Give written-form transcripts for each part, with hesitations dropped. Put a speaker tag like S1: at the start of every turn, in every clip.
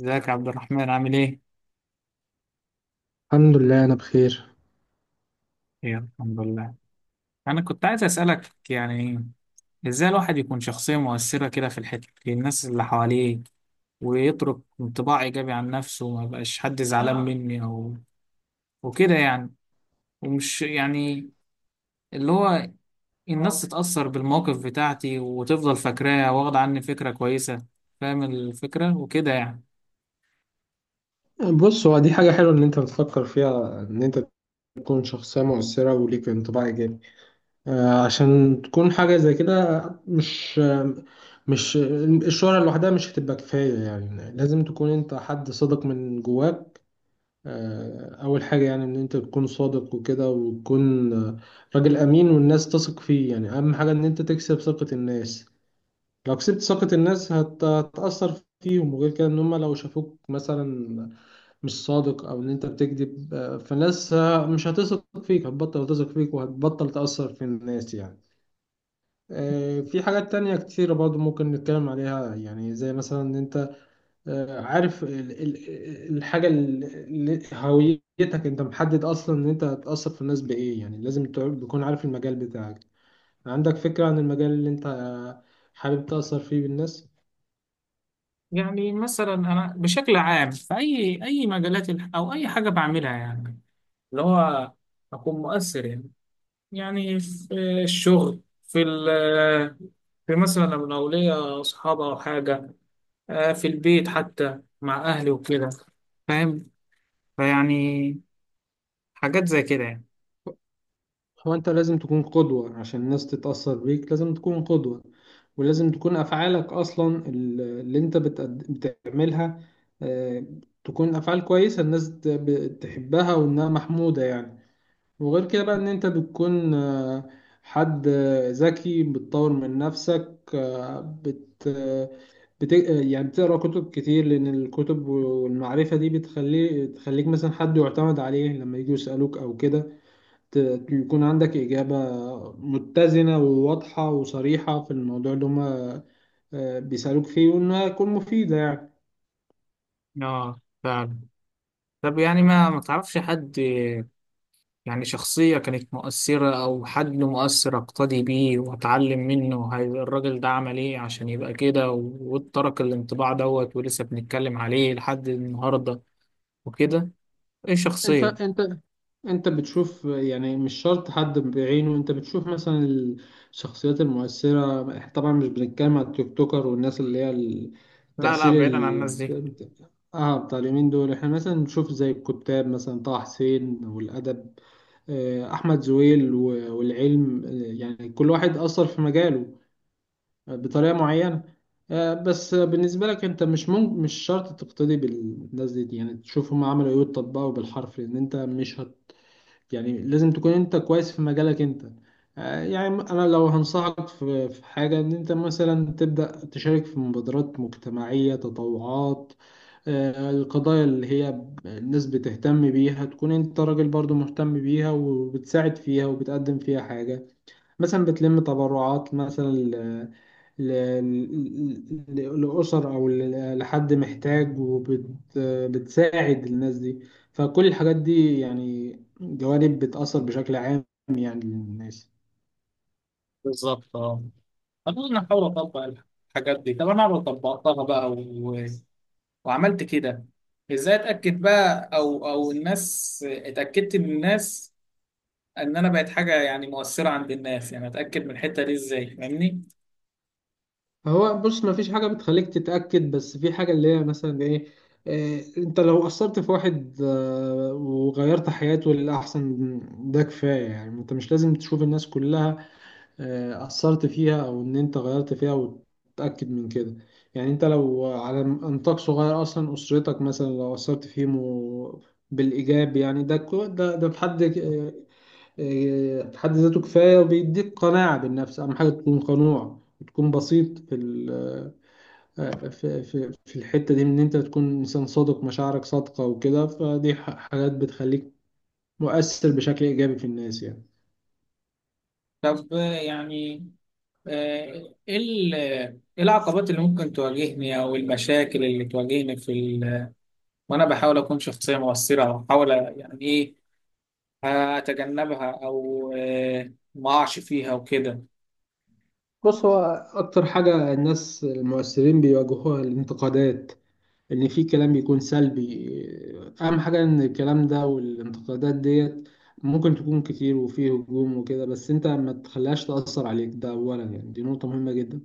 S1: ازيك يا عبد الرحمن، عامل ايه؟
S2: الحمد لله انا بخير.
S1: ايه، الحمد لله. انا كنت عايز اسالك يعني ازاي الواحد يكون شخصيه مؤثره كده في الحته، في الناس اللي حواليه، ويترك انطباع ايجابي عن نفسه، وما يبقاش حد زعلان مني او وكده يعني. ومش يعني اللي هو الناس تتاثر بالموقف بتاعتي وتفضل فاكراه، واخد عني فكره كويسه، فاهم الفكره وكده يعني.
S2: بص، هو دي حاجة حلوة ان انت بتفكر فيها، ان انت تكون شخصية مؤثرة وليك انطباع ايجابي. آه، عشان تكون حاجة زي كده، مش مش الشهرة لوحدها مش هتبقى كفاية، يعني لازم تكون انت حد صادق من جواك. آه، اول حاجة يعني ان انت تكون صادق وكده، وتكون راجل امين والناس تثق فيه. يعني اهم حاجة ان انت تكسب ثقة الناس. لو كسبت ثقة الناس هتأثر فيهم. وغير كده، ان هم لو شافوك مثلا مش صادق او ان انت بتكذب، فالناس مش هتثق فيك، هتبطل تثق فيك وهتبطل تأثر في الناس يعني. في حاجات تانية كتيرة برضو ممكن نتكلم عليها، يعني زي مثلا ان انت عارف الحاجة اللي هويتك انت محدد اصلا ان انت هتأثر في الناس بايه. يعني لازم تكون عارف المجال بتاعك، عندك فكرة عن المجال اللي انت حابب تأثر فيه بالناس.
S1: يعني مثلا انا بشكل عام في اي مجالات او اي حاجه بعملها يعني، اللي هو أكون مؤثر يعني. يعني في الشغل، في مثلا لما لو الأولية أصحاب أو حاجة، في البيت حتى مع أهلي وكده. فاهم، فيعني حاجات زي كده يعني.
S2: هو انت لازم تكون قدوة عشان الناس تتأثر بيك، لازم تكون قدوة. ولازم تكون أفعالك أصلا اللي انت بتعملها آه، تكون أفعال كويسة الناس تحبها وإنها محمودة يعني. وغير كده بقى، إن انت بتكون حد ذكي، بتطور من نفسك، آه، بت آه، بت يعني بتقرأ كتب كتير، لأن الكتب والمعرفة دي تخليك مثلا حد يعتمد عليه لما يجوا يسألوك أو كده. يكون عندك إجابة متزنة وواضحة وصريحة في الموضوع اللي هما بيسألوك فيه، وإنها تكون مفيدة يعني.
S1: اه فعلا. طب يعني ما تعرفش حد يعني شخصية كانت مؤثرة أو حد مؤثر أقتدي بيه وأتعلم منه؟ هاي الراجل ده عمل إيه عشان يبقى كده، وترك الانطباع دوت ولسه بنتكلم عليه لحد النهاردة وكده؟ إيه
S2: أنت
S1: شخصية؟
S2: أنت أنت بتشوف، يعني مش شرط حد بعينه. أنت بتشوف مثلا الشخصيات المؤثرة. طبعا مش بنتكلم على التيك توكر والناس اللي هي
S1: لا لا،
S2: التأثير
S1: بعيدا عن
S2: ال-
S1: الناس دي.
S2: اه بتاع اليومين دول. احنا مثلا نشوف زي الكتاب، مثلا طه حسين والأدب، أحمد زويل والعلم. يعني كل واحد أثر في مجاله بطريقة معينة. بس بالنسبة لك انت مش ممكن، مش شرط تقتدي بالناس دي، يعني تشوف هم عملوا ايه وتطبقه بالحرف، لان انت مش هت يعني لازم تكون انت كويس في مجالك انت. يعني انا لو هنصحك في حاجة، ان انت مثلا تبدأ تشارك في مبادرات مجتمعية، تطوعات. القضايا اللي هي الناس بتهتم بيها تكون انت راجل برضو مهتم بيها وبتساعد فيها وبتقدم فيها حاجة، مثلا بتلم تبرعات مثلا ل- لأسر أو لحد محتاج وبتساعد الناس دي. فكل الحاجات دي يعني جوانب بتأثر بشكل عام يعني للناس.
S1: بالظبط اه. انا احاول اطبق الحاجات دي. طب انا لو طبقتها بقى وعملت كده، ازاي اتاكد بقى، او الناس اتاكدت من الناس ان انا بقت حاجه يعني مؤثره عند الناس؟ يعني اتاكد من الحته دي ازاي؟ فاهمني؟
S2: هو بص، ما فيش حاجة بتخليك تتأكد، بس في حاجة اللي هي مثلا إيه إيه، أنت لو أثرت في واحد وغيرت حياته للأحسن، ده كفاية. يعني أنت مش لازم تشوف الناس كلها أثرت فيها أو إن أنت غيرت فيها وتتأكد من كده. يعني أنت لو على نطاق صغير أصلا، أسرتك مثلا لو أثرت فيهم بالإيجاب، يعني ده ده في حد في حد ذاته كفاية، وبيديك قناعة بالنفس. أهم حاجة تكون قنوع وتكون بسيط في ال آه، في في الحتة دي، من إن أنت تكون إنسان صادق، مشاعرك صادقة وكده. فدي حاجات بتخليك مؤثر بشكل إيجابي في الناس يعني.
S1: طب يعني إيه العقبات اللي ممكن تواجهني او المشاكل اللي تواجهني في وانا بحاول اكون شخصيه مؤثره، او احاول يعني ايه هتجنبها او ما اقعش فيها وكده؟
S2: بص هو أكتر حاجة الناس المؤثرين بيواجهوها الانتقادات، إن في كلام بيكون سلبي. أهم حاجة إن الكلام ده والانتقادات ديت ممكن تكون كتير وفيه هجوم وكده، بس أنت ما تخليهاش تأثر عليك. ده أولا، يعني دي نقطة مهمة جدا.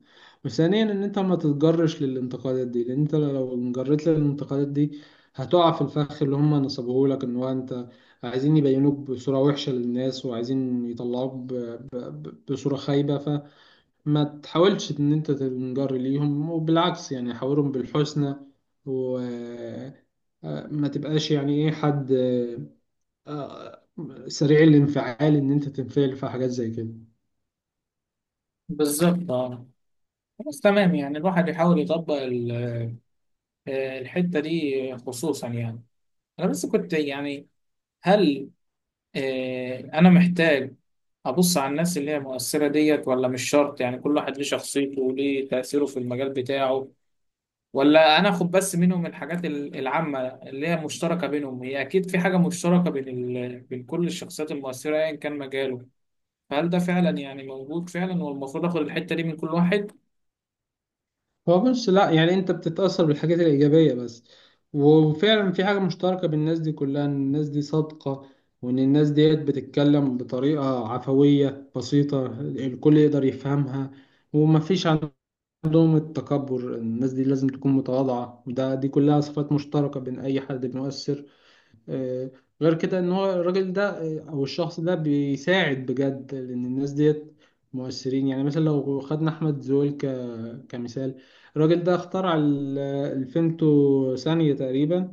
S2: وثانيا، إن أنت ما تتجرش للانتقادات دي، لأن أنت لو انجريت للانتقادات دي هتقع في الفخ اللي هم نصبوهولك. إن هو أنت عايزين يبينوك بصورة وحشة للناس، وعايزين يطلعوك بصورة خايبة. ف ما تحاولش ان انت تنجر ليهم، وبالعكس يعني حاورهم بالحسنى. وما تبقاش يعني ايه، حد آه، سريع الانفعال، ان انت تنفعل في حاجات زي كده.
S1: بالظبط اه. خلاص تمام. يعني الواحد يحاول يطبق الحتة دي خصوصا، يعني انا بس كنت يعني، هل انا محتاج ابص على الناس اللي هي مؤثرة ديت، ولا مش شرط؟ يعني كل واحد ليه شخصيته وليه تأثيره في المجال بتاعه، ولا انا اخد بس منهم الحاجات العامة اللي هي مشتركة بينهم؟ هي اكيد في حاجة مشتركة بين بين كل الشخصيات المؤثرة ايا كان مجاله. فهل ده فعلا يعني موجود فعلا، والمفروض اخد الحتة دي من كل واحد؟
S2: هو بص، لا يعني انت بتتأثر بالحاجات الإيجابية بس. وفعلا في حاجة مشتركة بين الناس دي كلها، ان الناس دي صادقة، وان الناس ديت بتتكلم بطريقة عفوية بسيطة الكل يقدر يفهمها. ومفيش عندهم التكبر، الناس دي لازم تكون متواضعة. ده دي كلها صفات مشتركة بين أي حد بيؤثر. آه، غير كده إن هو الراجل ده أو الشخص ده بيساعد بجد، لأن الناس ديت مؤثرين. يعني مثلا لو خدنا أحمد زويل كمثال، الراجل ده اخترع الفيمتو ثانية تقريبا،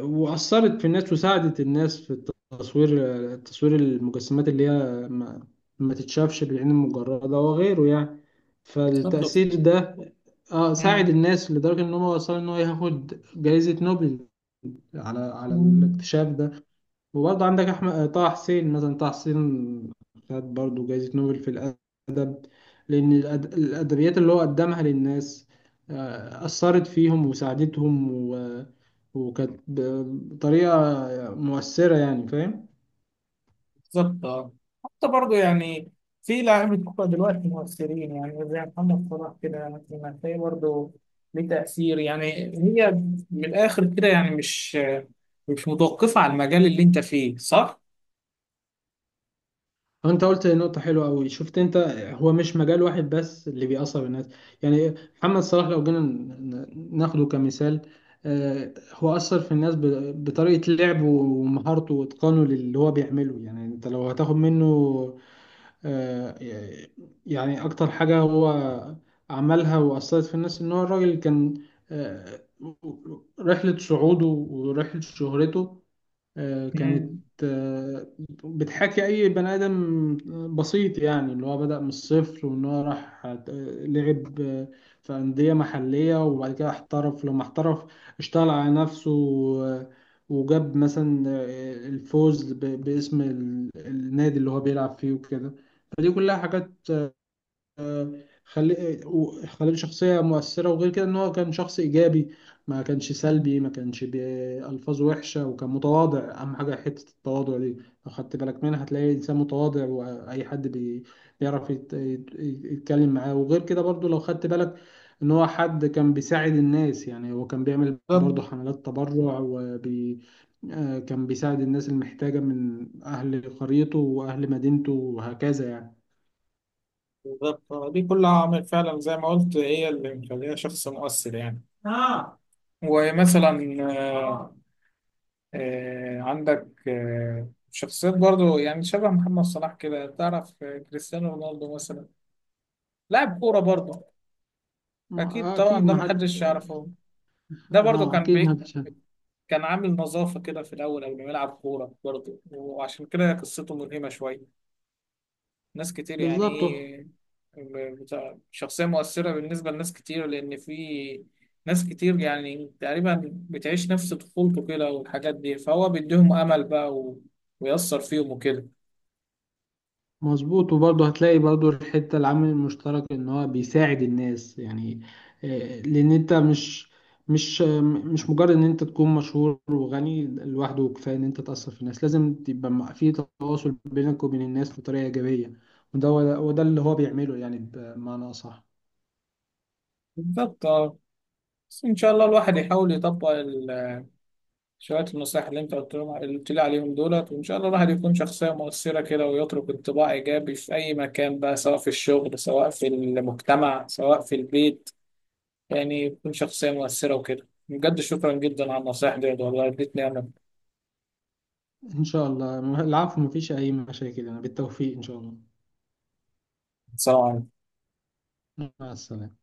S2: وأثرت في الناس وساعدت الناس في التصوير، تصوير المجسمات اللي هي ما تتشافش بالعين المجردة وغيره يعني.
S1: بالظبط.
S2: فالتأثير ده ساعد
S1: مم.
S2: الناس لدرجة إن هو وصل إن هو ياخد جائزة نوبل على على
S1: مم.
S2: الاكتشاف ده. وبرضه عندك أحمد طه حسين، مثلا طه حسين خد برضه جايزة نوبل في الأدب، لأن الأدبيات اللي هو قدمها للناس أثرت فيهم وساعدتهم، و... وكانت بطريقة مؤثرة يعني. فاهم؟
S1: بالظبط آه. حتى برضه يعني في لاعيبة كورة دلوقتي مؤثرين، يعني زي محمد صلاح كده مثلا هتلاقيه برضه ليه تأثير يعني. هي، من الآخر كده يعني، مش متوقفة على المجال اللي أنت فيه، صح؟
S2: انت قلت نقطة حلوة قوي، شفت انت، هو مش مجال واحد بس اللي بيأثر الناس. يعني محمد صلاح لو جينا ناخده كمثال، هو أثر في الناس بطريقة لعبه ومهارته وإتقانه للي هو بيعمله. يعني انت لو هتاخد منه، آه، يعني أكتر حاجة هو عملها وأثرت في الناس ان هو الراجل كان آه، رحلة صعوده ورحلة شهرته كانت
S1: مم.
S2: آه، بتحكي أي بني آدم بسيط، يعني اللي هو بدأ من الصفر، وإن هو راح لعب في أندية محلية، وبعد كده احترف. لما احترف اشتغل على نفسه آه، وجاب مثلا الفوز باسم النادي اللي هو بيلعب فيه وكده. فدي كلها حاجات خلي خليه شخصية مؤثرة. وغير كده إن هو كان شخص إيجابي، ما كانش
S1: مم.
S2: سلبي، ما كانش بألفاظ وحشة، وكان متواضع. أهم حاجة حتة التواضع دي، لو خدت بالك منها هتلاقي إنسان متواضع، وأي حد بيعرف يتكلم معاه. وغير كده برضو لو خدت بالك إن هو حد كان بيساعد الناس، يعني هو كان بيعمل
S1: بالظبط.
S2: برضو حملات تبرع وبي آه، كان بيساعد الناس المحتاجة من أهل قريته وأهل مدينته وهكذا يعني.
S1: بالظبط دي كلها عوامل فعلا زي ما قلت هي اللي مخليها شخص مؤثر يعني. آه. ومثلا آه، عندك شخصيات برضو، يعني شبه محمد صلاح كده. تعرف كريستيانو رونالدو مثلا؟ لاعب كورة برضو. أكيد طبعا،
S2: أكيد
S1: ده
S2: ما حد.
S1: محدش يعرفه. ده برضو
S2: اه
S1: كان
S2: اكيد محدش هيعمل.
S1: كان عامل نظافة كده في الأول قبل ما يلعب كورة برضو، وعشان كده قصته ملهمة شوية. ناس كتير يعني
S2: بالظبط،
S1: إيه، شخصية مؤثرة بالنسبة لناس كتير، لأن في ناس كتير يعني تقريبا بتعيش نفس طفولته كده والحاجات دي، فهو بيديهم أمل بقى ويأثر فيهم وكده.
S2: مظبوط. وبرضه هتلاقي برضه الحته، العامل المشترك ان هو بيساعد الناس يعني. لان انت مش مش مجرد ان انت تكون مشهور وغني لوحده كفايه ان انت تاثر في الناس. لازم تبقى في تواصل بينك وبين الناس بطريقه ايجابيه، وده اللي هو بيعمله يعني بمعنى اصح.
S1: بالظبط اه. بس ان شاء الله الواحد يحاول يطبق شويه النصائح اللي انت قلت لهم، اللي قلت لي عليهم دولت، وان شاء الله الواحد يكون شخصيه مؤثره كده ويترك انطباع ايجابي في اي مكان بقى، سواء في الشغل، سواء في المجتمع، سواء في البيت. يعني يكون شخصيه مؤثره وكده. بجد شكرا جدا على النصائح ديت، والله اديتني انا
S2: ان شاء الله العفو، مفيش اي مشاكل انا، بالتوفيق ان شاء الله.
S1: سواء
S2: مع السلامه.